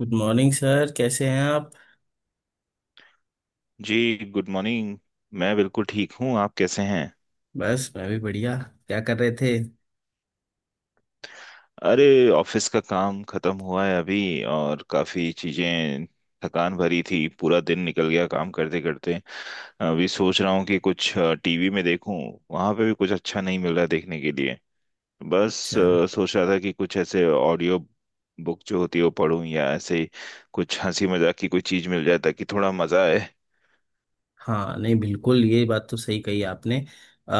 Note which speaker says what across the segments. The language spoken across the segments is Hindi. Speaker 1: गुड मॉर्निंग सर, कैसे हैं आप।
Speaker 2: जी, गुड मॉर्निंग। मैं बिल्कुल ठीक हूँ, आप कैसे हैं?
Speaker 1: बस मैं भी बढ़िया। क्या कर रहे थे।
Speaker 2: अरे, ऑफिस का काम खत्म हुआ है अभी और काफी चीजें थकान भरी थी, पूरा दिन निकल गया काम करते करते। अभी सोच रहा हूँ कि कुछ टीवी में देखूं, वहां पे भी कुछ अच्छा नहीं मिल रहा है देखने के लिए। बस
Speaker 1: अच्छा।
Speaker 2: सोच रहा था कि कुछ ऐसे ऑडियो बुक जो होती है वो पढूं, या ऐसे ही कुछ हंसी मजाक की कोई चीज मिल जाए ताकि थोड़ा मजा आए।
Speaker 1: हाँ नहीं, बिल्कुल ये बात तो सही कही आपने। अ,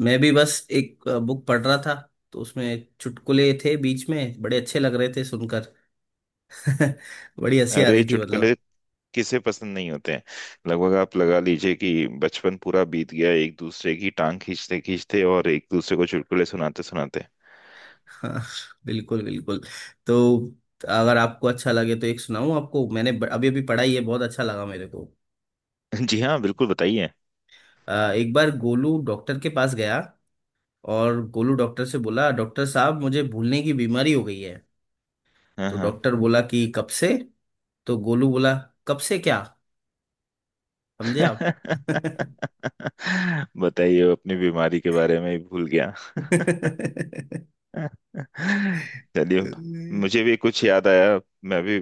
Speaker 1: मैं भी बस एक बुक पढ़ रहा था। तो उसमें चुटकुले थे बीच में, बड़े अच्छे लग रहे थे सुनकर। बड़ी हंसी आ
Speaker 2: अरे,
Speaker 1: रही थी
Speaker 2: चुटकुले
Speaker 1: मतलब।
Speaker 2: किसे पसंद नहीं होते हैं! लगभग आप लगा लीजिए कि बचपन पूरा बीत गया एक दूसरे की टांग खींचते खींचते और एक दूसरे को चुटकुले सुनाते सुनाते।
Speaker 1: हाँ, बिल्कुल बिल्कुल। तो अगर आपको अच्छा लगे तो एक सुनाऊं आपको, मैंने अभी अभी पढ़ा ही है, बहुत अच्छा लगा मेरे को।
Speaker 2: जी हाँ, बिल्कुल बताइए।
Speaker 1: एक बार गोलू डॉक्टर के पास गया और गोलू डॉक्टर से बोला, डॉक्टर साहब मुझे भूलने की बीमारी हो गई है।
Speaker 2: हाँ
Speaker 1: तो
Speaker 2: हाँ।
Speaker 1: डॉक्टर बोला कि कब से। तो गोलू बोला, कब से क्या। समझे आप।
Speaker 2: बताइए, वो अपनी बीमारी के बारे में ही भूल गया। चलिए, मुझे भी कुछ याद आया। मैं भी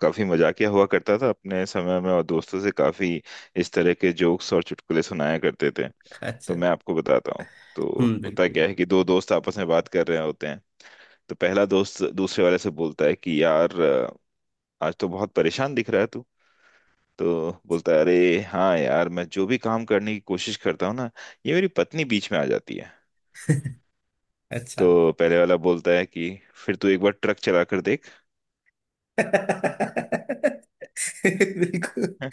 Speaker 2: काफी मजाकिया हुआ करता था अपने समय में, और दोस्तों से काफी इस तरह के जोक्स और चुटकुले सुनाया करते थे।
Speaker 1: अच्छा।
Speaker 2: तो मैं आपको बताता हूँ। तो
Speaker 1: हम्म,
Speaker 2: होता
Speaker 1: बिल्कुल।
Speaker 2: क्या है कि दो दोस्त आपस में बात कर रहे होते हैं। तो पहला दोस्त दूसरे वाले से बोलता है कि यार, आज तो बहुत परेशान दिख रहा है तू। तो बोलता है, अरे हाँ यार, मैं जो भी काम करने की कोशिश करता हूँ ना, ये मेरी पत्नी बीच में आ जाती है।
Speaker 1: अच्छा।
Speaker 2: तो पहले वाला बोलता है कि फिर तू एक बार ट्रक चला कर देख।
Speaker 1: बिल्कुल।
Speaker 2: हैं?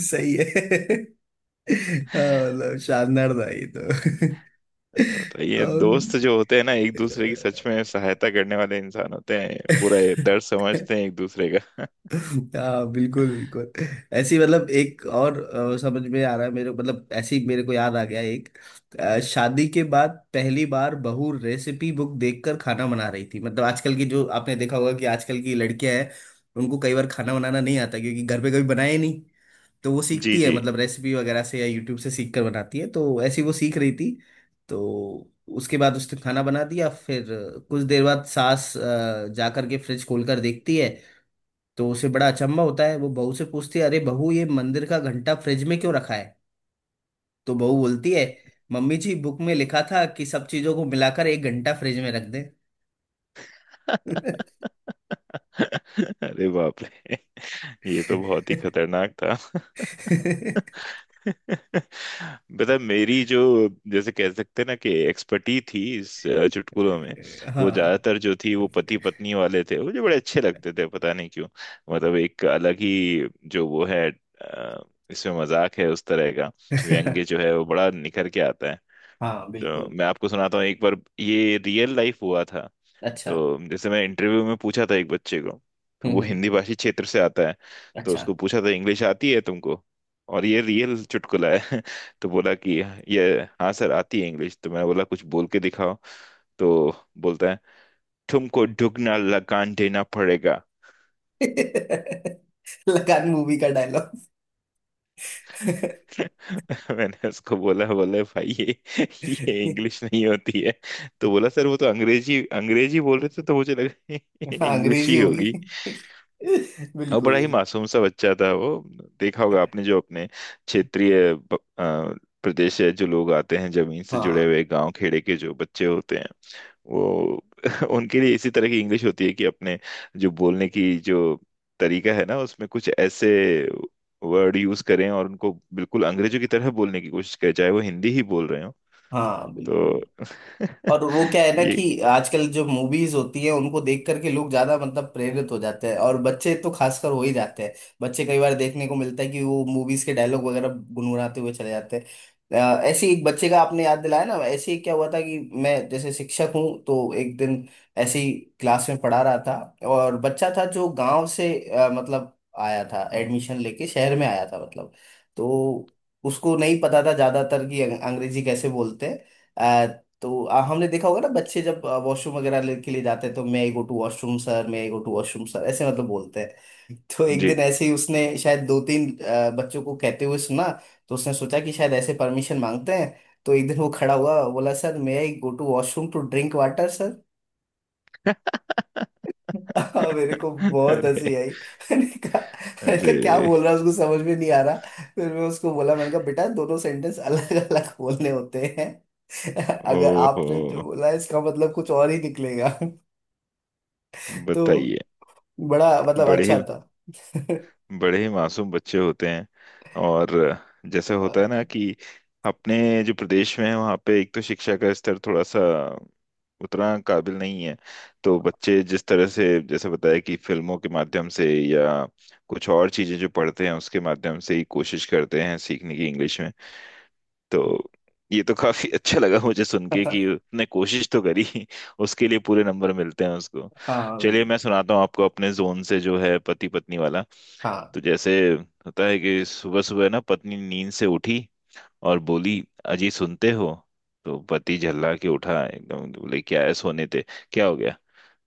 Speaker 1: सही है। हाँ, मतलब शानदार था ये तो।
Speaker 2: मैंने बताया, ये दोस्त
Speaker 1: अम्म,
Speaker 2: जो होते हैं ना, एक दूसरे की सच में सहायता करने वाले इंसान होते हैं, पूरा ये दर्द समझते हैं एक दूसरे का।
Speaker 1: हाँ बिल्कुल बिल्कुल। ऐसी मतलब एक और, समझ में आ रहा है मेरे, मतलब ऐसी मेरे को याद आ गया एक। शादी के बाद पहली बार बहू रेसिपी बुक देखकर खाना बना रही थी, मतलब आजकल की, जो आपने देखा होगा कि आजकल की लड़कियां हैं, उनको कई बार खाना बनाना नहीं आता, क्योंकि घर पे कभी बनाए नहीं। तो वो
Speaker 2: जी
Speaker 1: सीखती है,
Speaker 2: जी।
Speaker 1: मतलब रेसिपी वगैरह से या यूट्यूब से सीख कर बनाती है, तो ऐसी वो सीख रही थी। तो उसके बाद उसने खाना बना दिया, फिर कुछ देर बाद सास जा करके फ्रिज खोल कर देखती है, तो उसे बड़ा अचंभा होता है। वो बहू से पूछती है, अरे बहू, ये मंदिर का घंटा फ्रिज में क्यों रखा है। तो बहू बोलती है, मम्मी जी, बुक में लिखा था कि सब चीजों को मिलाकर एक घंटा फ्रिज में रख दें।
Speaker 2: अरे बाप रे, ये तो बहुत ही खतरनाक था। पता है, मेरी जो जैसे कह सकते हैं ना कि एक्सपर्टी थी इस चुटकुलों में, वो
Speaker 1: हाँ।
Speaker 2: ज्यादातर जो थी वो पति पत्नी वाले थे। मुझे बड़े अच्छे लगते थे, पता नहीं क्यों। मतलब एक अलग ही जो वो है, इसमें मजाक है उस तरह का, व्यंग्य जो है वो बड़ा निखर के आता है।
Speaker 1: हाँ
Speaker 2: तो
Speaker 1: बिल्कुल।
Speaker 2: मैं आपको सुनाता हूँ, एक बार ये रियल लाइफ हुआ था।
Speaker 1: अच्छा।
Speaker 2: तो जैसे मैं इंटरव्यू में पूछा था एक बच्चे को, तो वो
Speaker 1: हम्म हम्म।
Speaker 2: हिंदी भाषी क्षेत्र से आता है। तो
Speaker 1: अच्छा।
Speaker 2: उसको पूछा था, इंग्लिश आती है तुमको? और ये रियल चुटकुला है। तो बोला कि, ये, हाँ सर आती है इंग्लिश। तो मैं बोला, कुछ बोल के दिखाओ। तो बोलता है, तुमको दुगना लगान देना पड़ेगा।
Speaker 1: लगान मूवी का डायलॉग।
Speaker 2: मैंने उसको बोला, बोले भाई ये इंग्लिश नहीं होती है। तो बोला, सर वो तो अंग्रेजी अंग्रेजी बोल रहे थे तो मुझे लगा
Speaker 1: हाँ,
Speaker 2: इंग्लिश
Speaker 1: अंग्रेजी
Speaker 2: ही
Speaker 1: होगी।
Speaker 2: होगी। और
Speaker 1: बिल्कुल
Speaker 2: बड़ा ही
Speaker 1: बिल्कुल।
Speaker 2: मासूम सा बच्चा था वो। देखा होगा आपने, जो अपने क्षेत्रीय प्रदेश है, जो लोग आते हैं जमीन से जुड़े
Speaker 1: हाँ
Speaker 2: हुए गांव खेड़े के जो बच्चे होते हैं, वो उनके लिए इसी तरह की इंग्लिश होती है कि अपने जो बोलने की जो तरीका है ना, उसमें कुछ ऐसे वर्ड यूज करें और उनको बिल्कुल अंग्रेजों की तरह बोलने की कोशिश करें चाहे वो हिंदी ही बोल रहे हो।
Speaker 1: हाँ,
Speaker 2: तो
Speaker 1: बिल्कुल। और वो क्या है ना
Speaker 2: ये,
Speaker 1: कि आजकल जो मूवीज होती है उनको देख करके लोग ज्यादा मतलब प्रेरित हो जाते हैं, और बच्चे तो खासकर हो ही जाते हैं। बच्चे, कई बार देखने को मिलता है कि वो मूवीज के डायलॉग वगैरह गुनगुनाते हुए चले जाते हैं। ऐसे ही एक बच्चे का आपने याद दिलाया ना, ऐसे ही क्या हुआ था कि मैं जैसे शिक्षक हूँ, तो एक दिन ऐसे ही क्लास में पढ़ा रहा था, और बच्चा था जो गांव से, मतलब आया था एडमिशन लेके शहर में आया था मतलब। तो उसको नहीं पता था ज्यादातर कि अंग्रेजी कैसे बोलते हैं। तो हमने देखा होगा ना बच्चे जब वॉशरूम वगैरह के लिए जाते हैं, तो मैं I go to washroom sir, मैं I go to washroom sir, ऐसे मतलब बोलते हैं। तो एक
Speaker 2: जी।
Speaker 1: दिन ऐसे ही उसने शायद दो तीन बच्चों को कहते हुए सुना, तो उसने सोचा कि शायद ऐसे परमिशन मांगते हैं। तो एक दिन वो खड़ा हुआ, बोला, सर मैं I go to washroom to drink water. हाँ, मेरे को बहुत हंसी
Speaker 2: अरे
Speaker 1: आई। मैंने कहा, मैंने कहा क्या
Speaker 2: अरे।
Speaker 1: बोल रहा है, उसको समझ में नहीं आ रहा। फिर मैं उसको बोला, मैंने कहा बेटा दोनों सेंटेंस अलग अलग बोलने होते हैं। अगर
Speaker 2: ओहो,
Speaker 1: आपने जो बोला है, इसका मतलब कुछ और ही निकलेगा। तो
Speaker 2: बताइए।
Speaker 1: बड़ा मतलब
Speaker 2: बड़े
Speaker 1: अच्छा
Speaker 2: ही
Speaker 1: था।
Speaker 2: बड़े ही मासूम बच्चे होते हैं। और जैसे होता है ना कि अपने जो प्रदेश में है, वहाँ पे एक तो शिक्षा का स्तर थोड़ा सा उतना काबिल नहीं है। तो बच्चे जिस तरह से, जैसे बताया कि फिल्मों के माध्यम से या कुछ और चीजें जो पढ़ते हैं, उसके माध्यम से ही कोशिश करते हैं सीखने की इंग्लिश में। तो ये तो काफी अच्छा लगा मुझे सुन के कि उसने कोशिश तो करी, उसके लिए पूरे नंबर मिलते हैं उसको।
Speaker 1: हाँ
Speaker 2: चलिए,
Speaker 1: बिल्कुल।
Speaker 2: मैं सुनाता हूँ आपको अपने जोन से जो है, पति पत्नी वाला।
Speaker 1: हाँ।
Speaker 2: तो जैसे होता है कि सुबह सुबह ना पत्नी नींद से उठी और बोली, अजी सुनते हो। तो पति झल्ला के उठा, एकदम बोले, क्या है, सोने थे, क्या हो गया।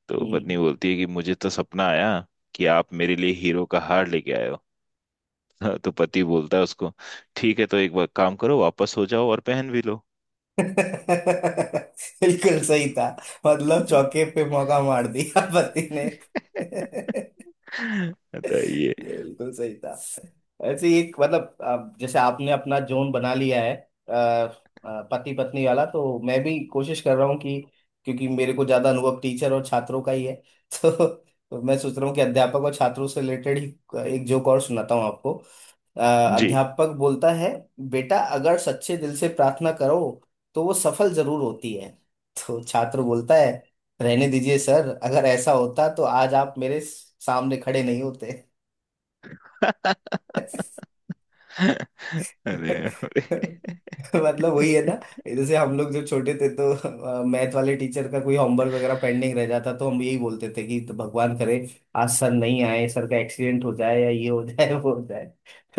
Speaker 2: तो पत्नी
Speaker 1: हम्म।
Speaker 2: बोलती है कि मुझे तो सपना आया कि आप मेरे लिए हीरो का हार लेके आए हो। तो पति बोलता है उसको, ठीक है तो एक बार काम करो, वापस हो जाओ और पहन भी लो।
Speaker 1: बिल्कुल सही था। मतलब चौके पे मौका मार दिया पति ने।
Speaker 2: बताइए।
Speaker 1: ये बिल्कुल सही था। ऐसे ही एक, मतलब अब जैसे आपने अपना जोन बना लिया है पति पत्नी वाला, तो मैं भी कोशिश कर रहा हूँ कि, क्योंकि मेरे को ज्यादा अनुभव टीचर और छात्रों का ही है। तो मैं सोच रहा हूँ कि अध्यापक और छात्रों से रिलेटेड ही एक जोक और सुनाता हूँ आपको। अ,
Speaker 2: जी।
Speaker 1: अध्यापक बोलता है, बेटा अगर सच्चे दिल से प्रार्थना करो तो वो सफल जरूर होती है। तो छात्र बोलता है, रहने दीजिए सर, अगर ऐसा होता तो आज आप मेरे सामने खड़े नहीं होते।
Speaker 2: अरे अरे।
Speaker 1: मतलब वही है ना, जैसे हम लोग जब छोटे थे तो मैथ वाले टीचर का कोई होमवर्क वगैरह पेंडिंग रह जाता, तो हम यही बोलते थे कि तो भगवान करे आज सर नहीं आए, सर का एक्सीडेंट हो जाए या ये हो जाए, वो हो जाए।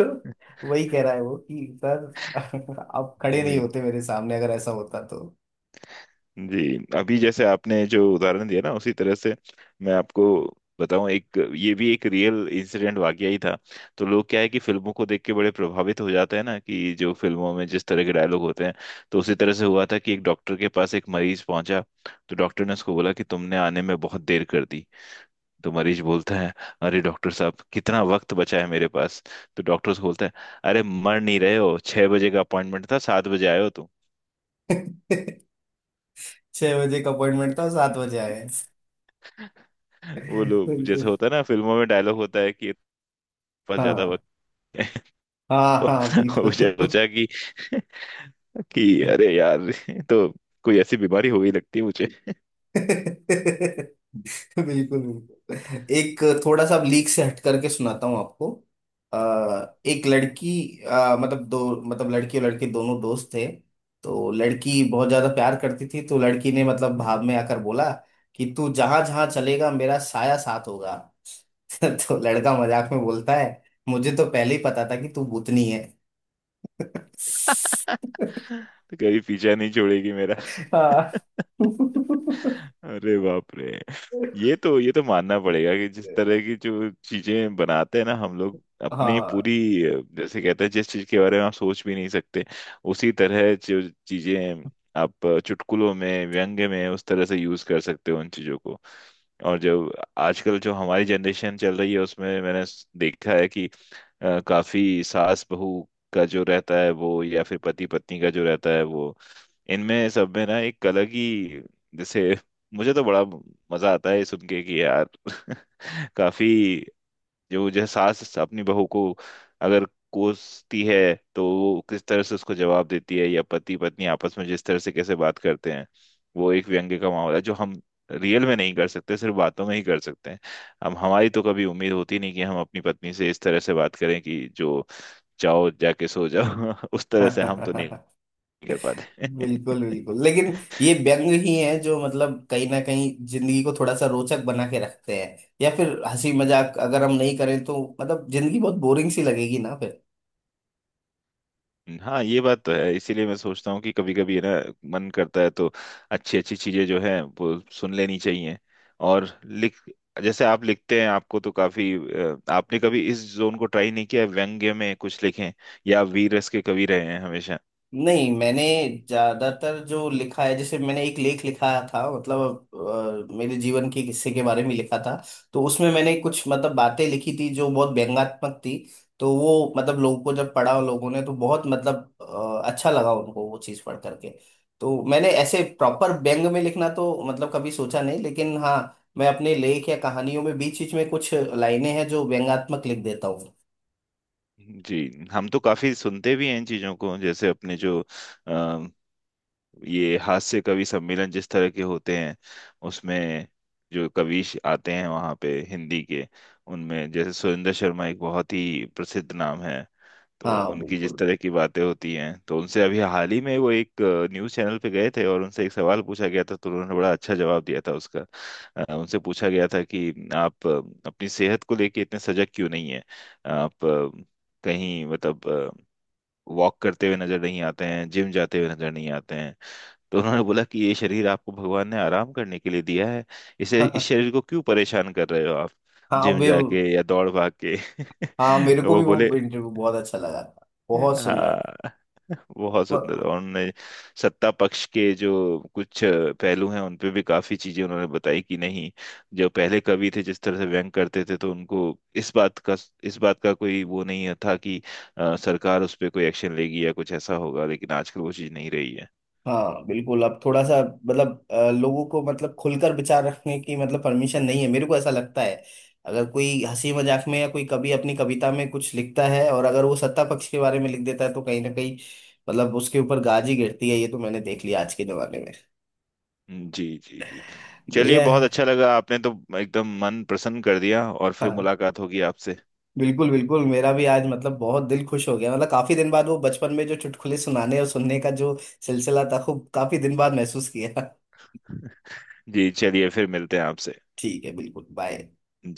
Speaker 1: तो वही कह रहा है वो कि सर, आप खड़े नहीं
Speaker 2: जी
Speaker 1: होते मेरे सामने अगर ऐसा होता तो।
Speaker 2: जी। अभी जैसे आपने जो उदाहरण दिया ना, उसी तरह से मैं आपको बताऊं, एक ये भी एक रियल इंसिडेंट वाकया ही था। तो लोग क्या है कि फिल्मों को देख के बड़े प्रभावित हो जाते हैं ना, कि जो फिल्मों में जिस तरह के डायलॉग होते हैं, तो उसी तरह से हुआ था कि एक डॉक्टर के पास एक मरीज पहुंचा। तो डॉक्टर ने उसको बोला कि तुमने आने में बहुत देर कर दी। तो मरीज बोलता है, अरे डॉक्टर साहब, कितना वक्त बचा है मेरे पास? तो डॉक्टर से बोलता है, अरे मर नहीं रहे हो, छह बजे का अपॉइंटमेंट था, सात बजे आए हो तुम।
Speaker 1: छह बजे का अपॉइंटमेंट था, सात बजे आए।
Speaker 2: वो लोग,
Speaker 1: बिल्कुल।
Speaker 2: जैसे होता है ना, फिल्मों में डायलॉग होता है कि पास ज्यादा
Speaker 1: हाँ
Speaker 2: वक्त है,
Speaker 1: हाँ। हाँ
Speaker 2: तो मुझे
Speaker 1: बिल्कुल।
Speaker 2: सोचा कि अरे यार, तो कोई ऐसी बीमारी हो गई लगती है मुझे।
Speaker 1: बिल्कुल बिल्कुल। एक थोड़ा सा लीक से हट करके सुनाता हूँ आपको। अ, एक लड़की, मतलब दो, मतलब लड़की और लड़के दोनों दोस्त थे। तो लड़की बहुत ज्यादा प्यार करती थी, तो लड़की ने मतलब भाव में आकर बोला कि तू जहां जहां चलेगा मेरा साया साथ होगा। तो लड़का मजाक में बोलता है, मुझे तो पहले ही पता था कि तू भूतनी है।
Speaker 2: तो कभी पीछा नहीं छोड़ेगी मेरा।
Speaker 1: हाँ।
Speaker 2: अरे बाप रे। ये तो मानना पड़ेगा कि जिस तरह की जो चीजें बनाते हैं ना हम लोग अपनी
Speaker 1: हाँ।
Speaker 2: पूरी, जैसे कहते हैं जिस चीज के बारे में आप सोच भी नहीं सकते, उसी तरह जो चीजें आप चुटकुलों में, व्यंग में उस तरह से यूज कर सकते हो उन चीजों को। और जो आजकल जो हमारी जनरेशन चल रही है, उसमें मैंने देखा है कि काफी सास बहू का जो रहता है वो, या फिर पति पत्नी का जो रहता है वो, इनमें सब में ना एक अलग ही जैसे, मुझे तो बड़ा मजा आता है ये सुन के कि यार, काफी जो जो सास अपनी बहू को अगर कोसती है तो वो किस तरह से उसको जवाब देती है, या पति पत्नी आपस में जिस तरह से कैसे बात करते हैं। वो एक व्यंग्य का माहौल है जो हम रियल में नहीं कर सकते, सिर्फ बातों में ही कर सकते हैं। हम हमारी तो कभी उम्मीद होती नहीं कि हम अपनी पत्नी से इस तरह से बात करें कि जो, जाओ जाके सो जाओ, उस तरह से हम तो नहीं कर पाते।
Speaker 1: बिल्कुल बिल्कुल, लेकिन ये व्यंग ही हैं जो मतलब कहीं ना कहीं जिंदगी को थोड़ा सा रोचक बना के रखते हैं। या फिर हंसी मजाक अगर हम नहीं करें तो मतलब जिंदगी बहुत बोरिंग सी लगेगी ना।
Speaker 2: हाँ, ये बात तो है, इसीलिए मैं सोचता हूँ कि कभी कभी है ना, मन करता है तो अच्छी अच्छी चीजें जो है वो सुन लेनी चाहिए। और लिख, जैसे आप लिखते हैं, आपको तो काफी, आपने कभी इस जोन को ट्राई नहीं किया है, व्यंग्य में कुछ लिखें, या आप वीर रस के कवि रहे हैं हमेशा?
Speaker 1: नहीं मैंने ज्यादातर जो लिखा है, जैसे मैंने एक लेख लिखा था, मतलब मेरे जीवन के किस्से के बारे में लिखा था। तो उसमें मैंने कुछ मतलब बातें लिखी थी जो बहुत व्यंग्यात्मक थी। तो वो, मतलब लोगों को जब पढ़ा लोगों ने तो बहुत मतलब अच्छा लगा उनको वो चीज़ पढ़ करके। तो मैंने ऐसे प्रॉपर व्यंग में लिखना तो मतलब कभी सोचा नहीं, लेकिन हाँ, मैं अपने लेख या कहानियों में बीच बीच में कुछ लाइनें हैं जो व्यंग्यात्मक लिख देता हूँ।
Speaker 2: जी, हम तो काफी सुनते भी हैं इन चीजों को, जैसे अपने जो ये हास्य कवि सम्मेलन जिस तरह के होते हैं, उसमें जो कवि आते हैं वहाँ पे हिंदी के, उनमें जैसे सुरेंद्र शर्मा एक बहुत ही प्रसिद्ध नाम है। तो
Speaker 1: हाँ
Speaker 2: उनकी जिस
Speaker 1: बिल्कुल।
Speaker 2: तरह की बातें होती हैं, तो उनसे अभी हाल ही में, वो एक न्यूज़ चैनल पे गए थे और उनसे एक सवाल पूछा गया था तो उन्होंने बड़ा अच्छा जवाब दिया था उसका। उनसे पूछा गया था कि आप अपनी सेहत को लेके इतने सजग क्यों नहीं है आप कहीं मतलब वॉक करते हुए नजर नहीं आते हैं, जिम जाते हुए नजर नहीं आते हैं। तो उन्होंने बोला कि ये शरीर आपको भगवान ने आराम करने के लिए दिया है, इसे, इस शरीर को क्यों परेशान कर रहे हो आप
Speaker 1: हाँ
Speaker 2: जिम
Speaker 1: वे।
Speaker 2: जाके या दौड़ भाग के?
Speaker 1: हाँ, मेरे को
Speaker 2: वो
Speaker 1: भी वो
Speaker 2: बोले,
Speaker 1: इंटरव्यू बहुत अच्छा लगा था, बहुत सुंदर।
Speaker 2: हाँ। बहुत सुंदर।
Speaker 1: व-
Speaker 2: और उन्होंने सत्ता पक्ष के जो कुछ पहलू हैं उन पे भी काफी चीजें उन्होंने बताई कि नहीं, जो पहले कवि थे जिस तरह से व्यंग करते थे, तो उनको इस बात का इस बात का कोई वो नहीं था कि सरकार उस पर कोई एक्शन लेगी या कुछ ऐसा होगा, लेकिन आजकल वो चीज नहीं रही है।
Speaker 1: हाँ बिल्कुल। अब थोड़ा सा मतलब, लोगों को मतलब खुलकर विचार रखने की मतलब परमिशन नहीं है, मेरे को ऐसा लगता है। अगर कोई हंसी मजाक में या कोई कवि अपनी कविता में कुछ लिखता है, और अगर वो सत्ता पक्ष के बारे में लिख देता है, तो कहीं ना कहीं मतलब उसके ऊपर गाजी गिरती है, ये तो मैंने देख लिया आज के जमाने में।
Speaker 2: जी जी जी। चलिए,
Speaker 1: बढ़िया
Speaker 2: बहुत
Speaker 1: है।
Speaker 2: अच्छा लगा, आपने तो एकदम मन प्रसन्न कर दिया। और फिर
Speaker 1: हाँ
Speaker 2: मुलाकात होगी आपसे।
Speaker 1: बिल्कुल बिल्कुल, मेरा भी आज मतलब बहुत दिल खुश हो गया। मतलब काफी दिन बाद वो बचपन में जो चुटकुले सुनाने और सुनने का जो सिलसिला था, खूब काफी दिन बाद महसूस किया।
Speaker 2: जी, चलिए, फिर मिलते हैं आपसे।
Speaker 1: ठीक है, बिल्कुल, बाय।